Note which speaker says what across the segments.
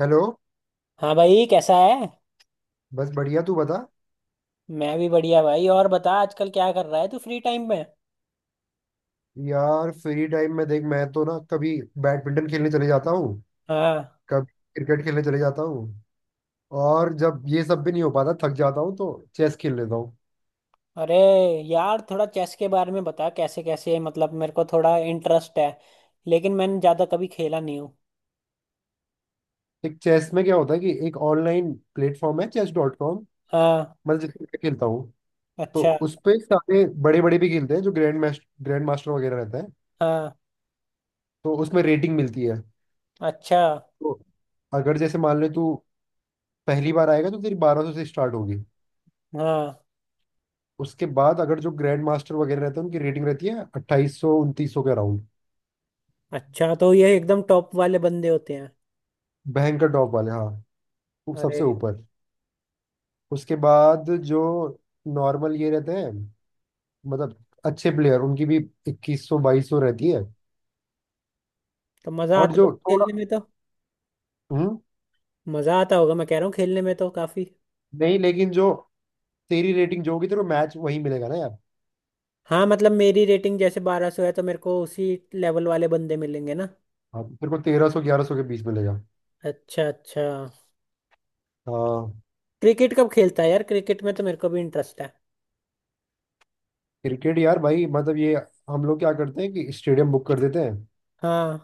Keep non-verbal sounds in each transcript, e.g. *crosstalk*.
Speaker 1: Hello.
Speaker 2: हाँ भाई। कैसा है।
Speaker 1: बस बढ़िया, तू बता।
Speaker 2: मैं भी बढ़िया भाई। और बता, आजकल क्या कर रहा है तू फ्री टाइम में।
Speaker 1: यार फ्री टाइम में देख मैं तो ना कभी बैडमिंटन खेलने चले जाता हूँ,
Speaker 2: हाँ।
Speaker 1: कभी क्रिकेट खेलने चले जाता हूँ, और जब ये सब भी नहीं हो पाता, थक जाता हूँ तो चेस खेल लेता हूँ।
Speaker 2: अरे यार, थोड़ा चेस के बारे में बता कैसे कैसे। मतलब मेरे को थोड़ा इंटरेस्ट है लेकिन मैंने ज़्यादा कभी खेला नहीं हूँ।
Speaker 1: एक चेस में क्या होता है कि एक ऑनलाइन प्लेटफॉर्म है chess.com
Speaker 2: हाँ।
Speaker 1: मैं जिसपे मैं खेलता हूँ। तो
Speaker 2: अच्छा।
Speaker 1: उस पे सारे बड़े बड़े भी खेलते हैं जो ग्रैंड मास्टर वगैरह रहते हैं।
Speaker 2: हाँ।
Speaker 1: तो उसमें रेटिंग मिलती है।
Speaker 2: अच्छा।
Speaker 1: तो अगर जैसे मान ले तू पहली बार आएगा तो तेरी 1200 से स्टार्ट होगी।
Speaker 2: हाँ।
Speaker 1: उसके बाद अगर जो ग्रैंड मास्टर वगैरह रहते हैं उनकी रेटिंग रहती है 2800 2900 के अराउंड।
Speaker 2: अच्छा, तो ये एकदम टॉप वाले बंदे होते हैं।
Speaker 1: भयंकर टॉप वाले, हाँ। वो सबसे
Speaker 2: अरे।
Speaker 1: ऊपर। उसके बाद जो नॉर्मल ये रहते हैं, मतलब अच्छे प्लेयर, उनकी भी 2100 2200 रहती है।
Speaker 2: तो मज़ा
Speaker 1: और
Speaker 2: आता
Speaker 1: जो
Speaker 2: होगा
Speaker 1: थोड़ा।
Speaker 2: खेलने में तो।
Speaker 1: हम्म।
Speaker 2: मज़ा आता होगा मैं कह रहा हूँ, खेलने में तो काफ़ी।
Speaker 1: नहीं लेकिन जो तेरी रेटिंग जो होगी तेरे को मैच वही मिलेगा ना यार।
Speaker 2: हाँ मतलब मेरी रेटिंग जैसे 1200 है तो मेरे को उसी लेवल वाले बंदे मिलेंगे ना।
Speaker 1: हाँ, तेरे को 1300 1100 के बीच मिलेगा।
Speaker 2: अच्छा अच्छा।
Speaker 1: हाँ।
Speaker 2: क्रिकेट कब खेलता है यार। क्रिकेट में तो मेरे को भी इंटरेस्ट है।
Speaker 1: क्रिकेट यार भाई मतलब ये हम लोग क्या करते हैं कि स्टेडियम बुक कर देते हैं।
Speaker 2: हाँ।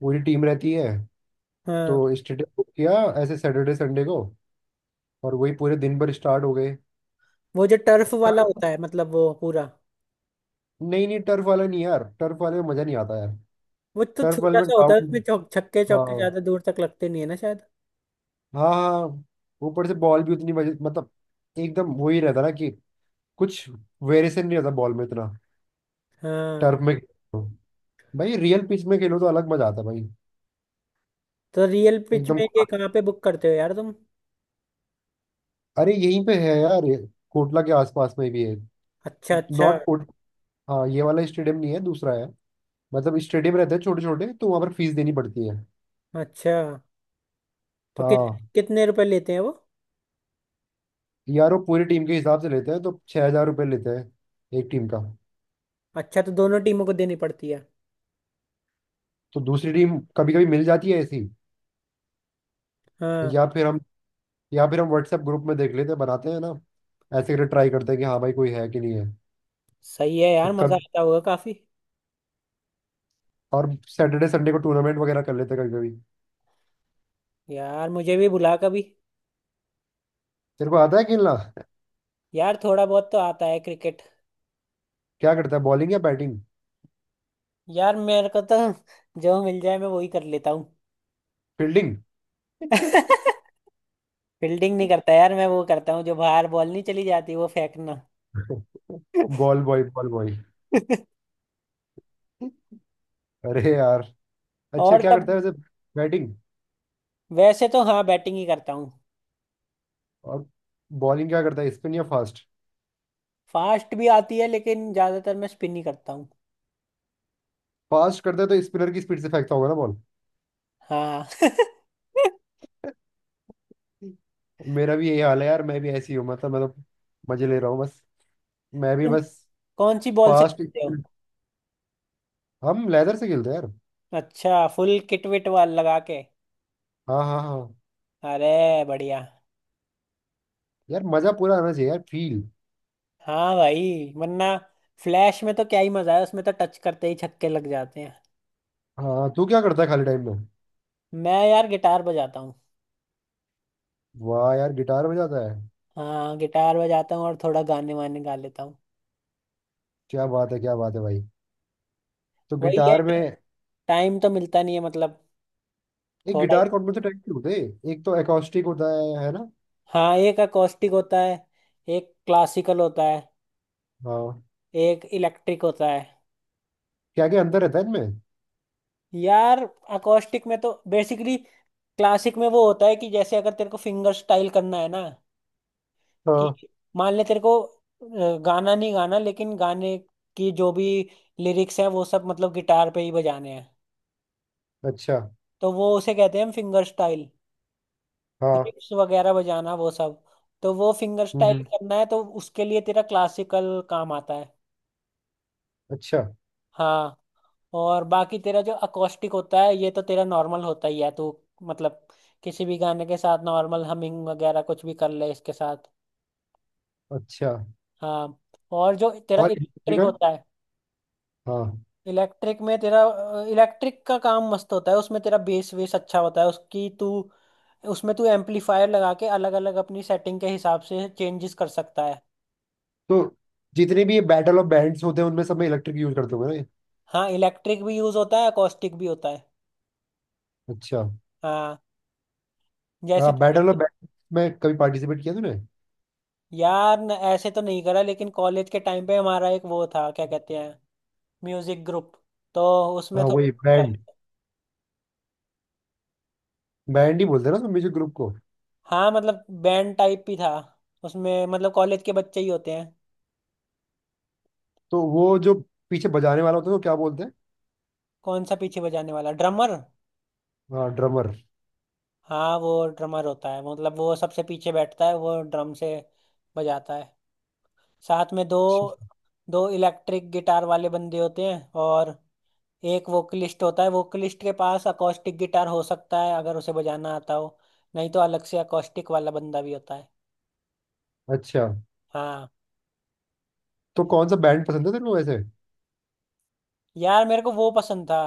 Speaker 1: पूरी टीम रहती है।
Speaker 2: हाँ।
Speaker 1: तो स्टेडियम बुक किया, ऐसे सैटरडे संडे को, और वही पूरे दिन भर स्टार्ट हो गए।
Speaker 2: वो जो टर्फ वाला
Speaker 1: टर्फ।
Speaker 2: होता है, मतलब वो पूरा।
Speaker 1: नहीं नहीं, टर्फ वाला नहीं यार, टर्फ वाले में मजा नहीं आता यार।
Speaker 2: वो तो
Speaker 1: टर्फ वाले
Speaker 2: छोटा
Speaker 1: में
Speaker 2: सा होता है, उसमें
Speaker 1: ग्राउंड,
Speaker 2: चौक छक्के चौके
Speaker 1: हाँ
Speaker 2: ज्यादा दूर तक लगते नहीं है ना शायद।
Speaker 1: हाँ हाँ, ऊपर से बॉल भी उतनी मजे मतलब एकदम वो ही रहता ना कि कुछ वेरिएशन नहीं रहता बॉल में इतना।
Speaker 2: हाँ।
Speaker 1: टर्फ में खेलो। भाई रियल पिच में खेलो तो अलग मजा आता है भाई।
Speaker 2: तो रियल पिच
Speaker 1: एकदम
Speaker 2: में ये
Speaker 1: खुला।
Speaker 2: कहाँ पे बुक करते हो यार तुम।
Speaker 1: अरे यहीं पे है यार ये, कोटला के आसपास में भी है।
Speaker 2: अच्छा अच्छा।
Speaker 1: नॉट कोट, हाँ ये वाला स्टेडियम नहीं है, दूसरा है। मतलब स्टेडियम रहते हैं छोटे छोटे तो वहां पर फीस देनी पड़ती है।
Speaker 2: अच्छा तो कि,
Speaker 1: हाँ।
Speaker 2: कितने रुपए लेते हैं वो।
Speaker 1: यार वो पूरी टीम के हिसाब से लेते हैं तो 6000 रुपये लेते हैं एक टीम का।
Speaker 2: अच्छा तो दोनों टीमों को देनी पड़ती है।
Speaker 1: तो दूसरी टीम कभी कभी मिल जाती है ऐसी,
Speaker 2: हाँ।
Speaker 1: या फिर हम या फिर हम व्हाट्सएप ग्रुप में देख लेते हैं, बनाते हैं ना, ऐसे करके ट्राई करते हैं कि हाँ भाई कोई है कि नहीं है।
Speaker 2: सही है
Speaker 1: तो
Speaker 2: यार, मजा
Speaker 1: कब,
Speaker 2: आता होगा काफी।
Speaker 1: और सैटरडे संडे को टूर्नामेंट वगैरह कर लेते हैं कभी कभी।
Speaker 2: यार मुझे भी बुला कभी।
Speaker 1: तेरे को आता है खेलना?
Speaker 2: यार थोड़ा बहुत तो आता है क्रिकेट।
Speaker 1: क्या करता है, बॉलिंग या बैटिंग?
Speaker 2: यार मेरे को तो जो मिल जाए मैं वही कर लेता हूँ।
Speaker 1: फील्डिंग?
Speaker 2: फील्डिंग नहीं करता यार मैं, वो करता हूँ जो बाहर बॉल नहीं चली जाती वो फेंकना।
Speaker 1: Ball boy, ball boy.
Speaker 2: *laughs*
Speaker 1: *laughs* अरे यार, अच्छा
Speaker 2: और
Speaker 1: क्या करता
Speaker 2: कब।
Speaker 1: है वैसे, बैटिंग?
Speaker 2: वैसे तो हाँ बैटिंग ही करता हूँ।
Speaker 1: और बॉलिंग क्या करता है, स्पिन या फास्ट?
Speaker 2: फास्ट भी आती है लेकिन ज्यादातर मैं स्पिन ही करता हूँ।
Speaker 1: फास्ट करता है तो स्पिनर की स्पीड से फेंकता होगा ना।
Speaker 2: हाँ *laughs*
Speaker 1: मेरा भी यही हाल है यार, मैं भी ऐसी हूँ, मतलब मैं तो मजे ले रहा हूँ बस, मैं भी
Speaker 2: तुम
Speaker 1: बस।
Speaker 2: कौन सी बॉल से
Speaker 1: फास्ट।
Speaker 2: खेलते हो।
Speaker 1: हम लेदर से खेलते हैं यार।
Speaker 2: अच्छा, फुल किट विट वाल लगा के।
Speaker 1: हाँ हाँ हाँ।
Speaker 2: अरे बढ़िया।
Speaker 1: यार मजा पूरा आना चाहिए यार, फील।
Speaker 2: हाँ भाई वरना फ्लैश में तो क्या ही मजा है, उसमें तो टच करते ही छक्के लग जाते हैं।
Speaker 1: हाँ, तू क्या करता है खाली टाइम में?
Speaker 2: मैं यार गिटार बजाता हूँ।
Speaker 1: वाह यार, गिटार बजाता है।
Speaker 2: हाँ गिटार बजाता हूँ और थोड़ा गाने वाने गा लेता हूँ।
Speaker 1: क्या बात है, क्या बात है भाई। तो
Speaker 2: वही है,
Speaker 1: गिटार में
Speaker 2: टाइम तो मिलता नहीं है मतलब
Speaker 1: एक
Speaker 2: थोड़ा ही।
Speaker 1: गिटार कौन कौन से टाइप के होते हैं, एक तो एकॉस्टिक होता है ना।
Speaker 2: हाँ, एक अकोस्टिक होता है, एक क्लासिकल होता है,
Speaker 1: हाँ।
Speaker 2: एक इलेक्ट्रिक होता है।
Speaker 1: क्या क्या अंतर रहता है इनमें?
Speaker 2: यार अकोस्टिक में तो बेसिकली क्लासिक में वो होता है कि जैसे अगर तेरे को फिंगर स्टाइल करना है ना, कि
Speaker 1: हाँ।
Speaker 2: मान ले तेरे को गाना नहीं गाना लेकिन गाने की जो भी लिरिक्स है वो सब मतलब गिटार पे ही बजाने हैं।
Speaker 1: अच्छा।
Speaker 2: तो वो उसे कहते हैं हम फिंगर स्टाइल,
Speaker 1: हाँ।
Speaker 2: रिप्स वगैरह बजाना वो सब। तो वो फिंगर
Speaker 1: हम्म
Speaker 2: स्टाइल
Speaker 1: हम्म,
Speaker 2: करना है तो उसके लिए तेरा क्लासिकल काम आता है।
Speaker 1: अच्छा।
Speaker 2: हाँ। और बाकी तेरा जो अकॉस्टिक होता है ये तो तेरा नॉर्मल होता ही है तू, मतलब किसी भी गाने के साथ नॉर्मल हमिंग वगैरह कुछ भी कर ले इसके साथ।
Speaker 1: अच्छा।
Speaker 2: हाँ। और जो तेरा
Speaker 1: और
Speaker 2: इलेक्ट्रिक
Speaker 1: इलेक्ट्रिकल।
Speaker 2: होता है,
Speaker 1: हाँ।
Speaker 2: इलेक्ट्रिक में तेरा इलेक्ट्रिक का काम मस्त होता है, उसमें तेरा बेस वेस अच्छा होता है, उसकी तू उसमें तू एम्पलीफायर लगा के अलग अलग अपनी सेटिंग के हिसाब से चेंजेस कर सकता है।
Speaker 1: तो जितने भी ये बैटल ऑफ बैंड्स होते हैं उनमें सब में इलेक्ट्रिक यूज करते होंगे ना ये?
Speaker 2: हाँ इलेक्ट्रिक भी यूज होता है, अकॉस्टिक भी होता है।
Speaker 1: अच्छा।
Speaker 2: हाँ जैसे।
Speaker 1: हाँ बैटल ऑफ बैंड में कभी पार्टिसिपेट किया तूने?
Speaker 2: यार न, ऐसे तो नहीं करा लेकिन कॉलेज के टाइम पे हमारा एक वो था, क्या कहते हैं, म्यूजिक ग्रुप, तो उसमें
Speaker 1: हाँ वही
Speaker 2: थोड़ा
Speaker 1: बैंड,
Speaker 2: करा।
Speaker 1: बैंड ही बोलते हैं ना म्यूजिक ग्रुप को।
Speaker 2: हाँ मतलब बैंड टाइप ही था, उसमें मतलब कॉलेज के बच्चे ही होते हैं।
Speaker 1: तो वो जो पीछे बजाने वाला होता है वो क्या बोलते हैं?
Speaker 2: कौन सा पीछे बजाने वाला, ड्रमर।
Speaker 1: हाँ, ड्रमर।
Speaker 2: हाँ वो ड्रमर होता है, मतलब वो सबसे पीछे बैठता है वो ड्रम से बजाता है। साथ में दो
Speaker 1: अच्छा,
Speaker 2: दो इलेक्ट्रिक गिटार वाले बंदे होते हैं और एक वोकलिस्ट होता है। वोकलिस्ट के पास अकॉस्टिक गिटार हो सकता है अगर उसे बजाना आता हो, नहीं तो अलग से अकॉस्टिक वाला बंदा भी होता है।
Speaker 1: अच्छा,
Speaker 2: हाँ।
Speaker 1: तो कौन सा बैंड पसंद है तेरे को वैसे?
Speaker 2: यार मेरे को वो पसंद था,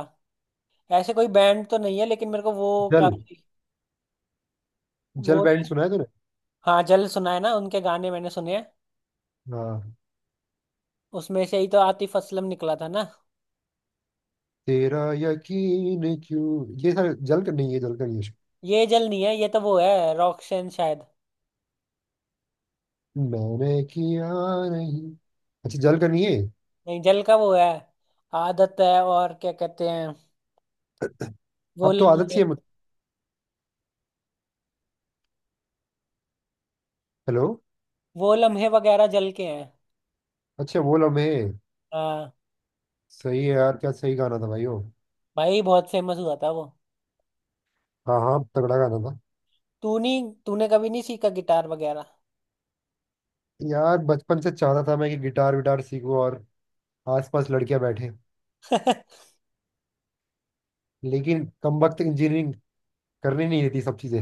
Speaker 2: ऐसे कोई बैंड तो नहीं है लेकिन मेरे को वो
Speaker 1: जल।
Speaker 2: काफी।
Speaker 1: जल
Speaker 2: वो
Speaker 1: बैंड
Speaker 2: नहीं।
Speaker 1: सुना है तूने?
Speaker 2: हाँ जल सुना है ना, उनके गाने मैंने सुने हैं।
Speaker 1: हाँ।
Speaker 2: उसमें से ही तो आतिफ असलम निकला था ना।
Speaker 1: तेरा यकीन क्यों, ये सारे जल का नहीं है, जल का नहीं है शायद।
Speaker 2: ये जल नहीं है, ये तो वो है रॉकशन शायद।
Speaker 1: मैंने किया। नहीं। अच्छा, जल का नहीं है।
Speaker 2: नहीं जल का वो है आदत है, और क्या कहते हैं वो
Speaker 1: अब तो आदत
Speaker 2: लम्हे।
Speaker 1: सी है मुझे। हेलो।
Speaker 2: वो लम्हे वगैरह जल के हैं।
Speaker 1: अच्छा, वो लम्हे।
Speaker 2: हाँ।
Speaker 1: सही है यार, क्या सही गाना था भाई वो।
Speaker 2: भाई बहुत फेमस हुआ था वो।
Speaker 1: हाँ हाँ, तगड़ा गाना था।
Speaker 2: तू नहीं, तूने कभी नहीं सीखा गिटार वगैरह।
Speaker 1: यार बचपन से चाहता था मैं कि गिटार विटार सीखूं और आसपास लड़कियां बैठे,
Speaker 2: *laughs*
Speaker 1: लेकिन कमबख्त इंजीनियरिंग करने नहीं देती सब चीजें।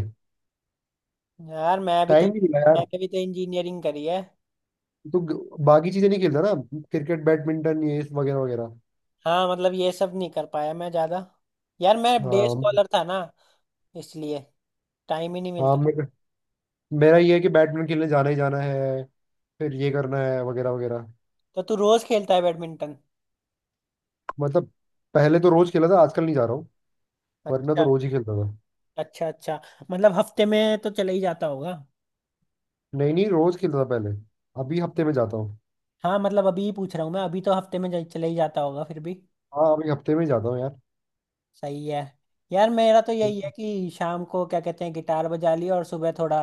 Speaker 2: यार मैं भी तो
Speaker 1: टाइम नहीं मिला यार।
Speaker 2: मैंने भी तो इंजीनियरिंग करी है।
Speaker 1: तो बाकी चीजें नहीं खेलता ना, क्रिकेट बैडमिंटन ये वगैरह वगैरह।
Speaker 2: हाँ मतलब ये सब नहीं कर पाया मैं ज्यादा। यार मैं डे
Speaker 1: हाँ।
Speaker 2: स्कॉलर था ना, इसलिए टाइम ही नहीं
Speaker 1: हाँ
Speaker 2: मिलता।
Speaker 1: मेरा मेरा ये है कि बैडमिंटन खेलने जाना ही जाना है, फिर ये करना है वगैरह वगैरह।
Speaker 2: तो तू रोज खेलता है बैडमिंटन।
Speaker 1: मतलब पहले तो रोज खेला था, आजकल नहीं जा रहा हूँ। वरना तो
Speaker 2: अच्छा
Speaker 1: रोज ही खेलता था।
Speaker 2: अच्छा। अच्छा, मतलब हफ्ते में तो चला ही जाता होगा।
Speaker 1: नहीं नहीं, रोज खेलता था पहले। अभी हफ्ते में जाता हूँ।
Speaker 2: हाँ मतलब अभी ही पूछ रहा हूँ मैं, अभी तो हफ्ते में जा- चला ही जाता होगा फिर भी।
Speaker 1: हाँ, अभी हफ्ते में ही जाता हूँ यार।
Speaker 2: सही है। यार मेरा तो यही है कि शाम को क्या कहते हैं गिटार बजा लिया और सुबह थोड़ा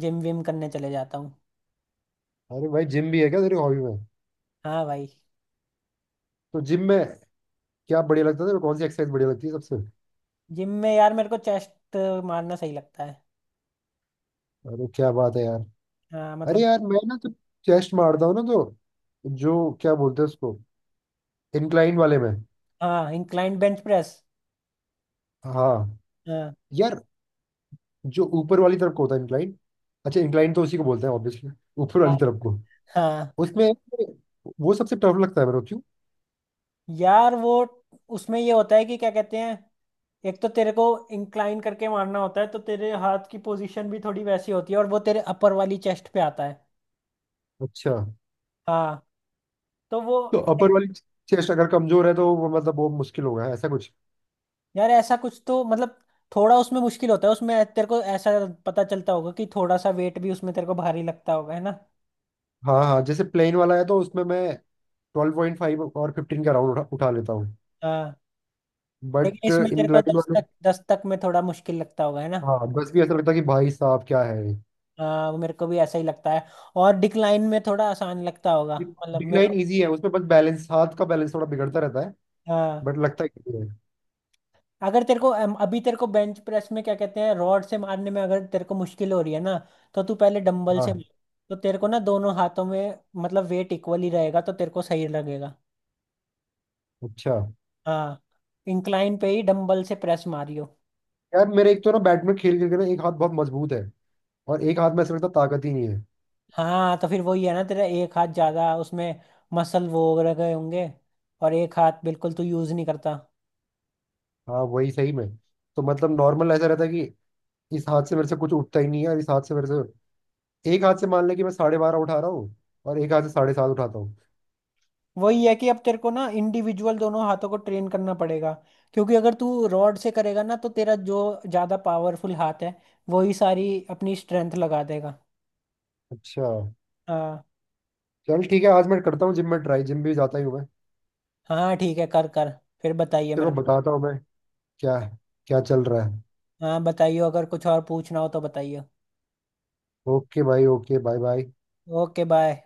Speaker 2: जिम विम करने चले जाता हूँ।
Speaker 1: अरे भाई, जिम भी है क्या तेरी हॉबी में?
Speaker 2: हाँ भाई।
Speaker 1: तो जिम में क्या बढ़िया लगता है तेरे को? कौन सी एक्सरसाइज बढ़िया लगती है सबसे?
Speaker 2: जिम में यार मेरे को चेस्ट मारना सही लगता है।
Speaker 1: अरे क्या बात है यार।
Speaker 2: हाँ
Speaker 1: अरे
Speaker 2: मतलब।
Speaker 1: यार मैं ना तो चेस्ट मारता हूँ, ना तो जो क्या बोलते हैं उसको, इंक्लाइन वाले में।
Speaker 2: हाँ इंक्लाइन बेंच प्रेस।
Speaker 1: हाँ।
Speaker 2: हाँ।
Speaker 1: यार जो ऊपर वाली तरफ को होता है इंक्लाइन, अच्छा इंक्लाइन तो उसी को बोलते हैं ऑब्वियसली, ऊपर
Speaker 2: हाँ
Speaker 1: वाली तरफ को।
Speaker 2: हाँ।
Speaker 1: उसमें वो सबसे टफ लगता है मेरे को, क्यों?
Speaker 2: यार वो उसमें ये होता है कि क्या कहते हैं एक तो तेरे को इंक्लाइन करके मारना होता है तो तेरे हाथ की पोजीशन भी थोड़ी वैसी होती है और वो तेरे अपर वाली चेस्ट पे आता है।
Speaker 1: अच्छा,
Speaker 2: हाँ। तो वो।
Speaker 1: तो अपर वाली चेस्ट अगर कमजोर है तो वो, मतलब वो मुश्किल होगा ऐसा कुछ?
Speaker 2: यार ऐसा कुछ तो मतलब थोड़ा उसमें मुश्किल होता है, उसमें तेरे को ऐसा पता चलता होगा कि थोड़ा सा वेट भी उसमें तेरे को भारी लगता होगा है ना।
Speaker 1: हाँ हाँ, जैसे प्लेन वाला है तो उसमें मैं 12.5 और 15 का राउंड उठा, उठा लेता हूँ।
Speaker 2: हाँ लेकिन
Speaker 1: बट
Speaker 2: इसमें तेरे को
Speaker 1: इंक्लाइन
Speaker 2: दस
Speaker 1: वाले,
Speaker 2: तक, दस तक में थोड़ा मुश्किल लगता होगा है ना।
Speaker 1: हाँ, बस भी ऐसा लगता है कि भाई साहब क्या है।
Speaker 2: हाँ वो मेरे को भी ऐसा ही लगता है। और डिक्लाइन में थोड़ा आसान लगता होगा मतलब मेरे
Speaker 1: डिक्लाइन
Speaker 2: को।
Speaker 1: इजी है, उसमें बस बैलेंस, हाथ का बैलेंस थोड़ा बिगड़ता रहता है।
Speaker 2: हाँ।
Speaker 1: बट लगता है कि है।
Speaker 2: अगर तेरे को अभी तेरे को बेंच प्रेस में क्या कहते हैं रॉड से मारने में अगर तेरे को मुश्किल हो रही है ना, तो तू पहले डंबल से
Speaker 1: हाँ।
Speaker 2: मार। तो तेरे को ना दोनों हाथों में मतलब वेट इक्वल ही रहेगा तो तेरे को सही लगेगा।
Speaker 1: अच्छा।
Speaker 2: हाँ। इंक्लाइन पे ही डंबल से प्रेस मारियो।
Speaker 1: यार मेरे एक तो ना बैडमिंटन खेल खेल के ना एक हाथ बहुत मजबूत है, और एक हाथ में ऐसा लगता है ताकत ही नहीं है।
Speaker 2: हाँ तो फिर वही है ना, तेरा एक हाथ ज्यादा उसमें मसल वो रह गए होंगे, और एक हाथ बिल्कुल तू यूज नहीं करता।
Speaker 1: हाँ वही सही में, तो मतलब नॉर्मल ऐसा रहता है कि इस हाथ से मेरे से कुछ उठता ही नहीं है, और इस हाथ से मेरे से, एक हाथ से मान लें कि मैं 12.5 उठा रहा हूँ और एक हाथ से 7.5 उठाता हूँ।
Speaker 2: वही है कि अब तेरे को ना इंडिविजुअल दोनों हाथों को ट्रेन करना पड़ेगा, क्योंकि अगर तू रॉड से करेगा ना तो तेरा जो ज्यादा पावरफुल हाथ है वही सारी अपनी स्ट्रेंथ लगा देगा।
Speaker 1: अच्छा।
Speaker 2: हाँ।
Speaker 1: चल ठीक है, आज मैं करता हूँ जिम में ट्राई, जिम भी जाता ही हूँ मैं।
Speaker 2: हाँ ठीक है, कर कर। फिर बताइए
Speaker 1: तेरे
Speaker 2: मेरे
Speaker 1: को
Speaker 2: को।
Speaker 1: बताता हूँ मैं क्या क्या चल रहा है।
Speaker 2: हाँ बताइए, अगर कुछ और पूछना हो तो बताइए।
Speaker 1: ओके भाई, okay, bye bye.
Speaker 2: Okay bye.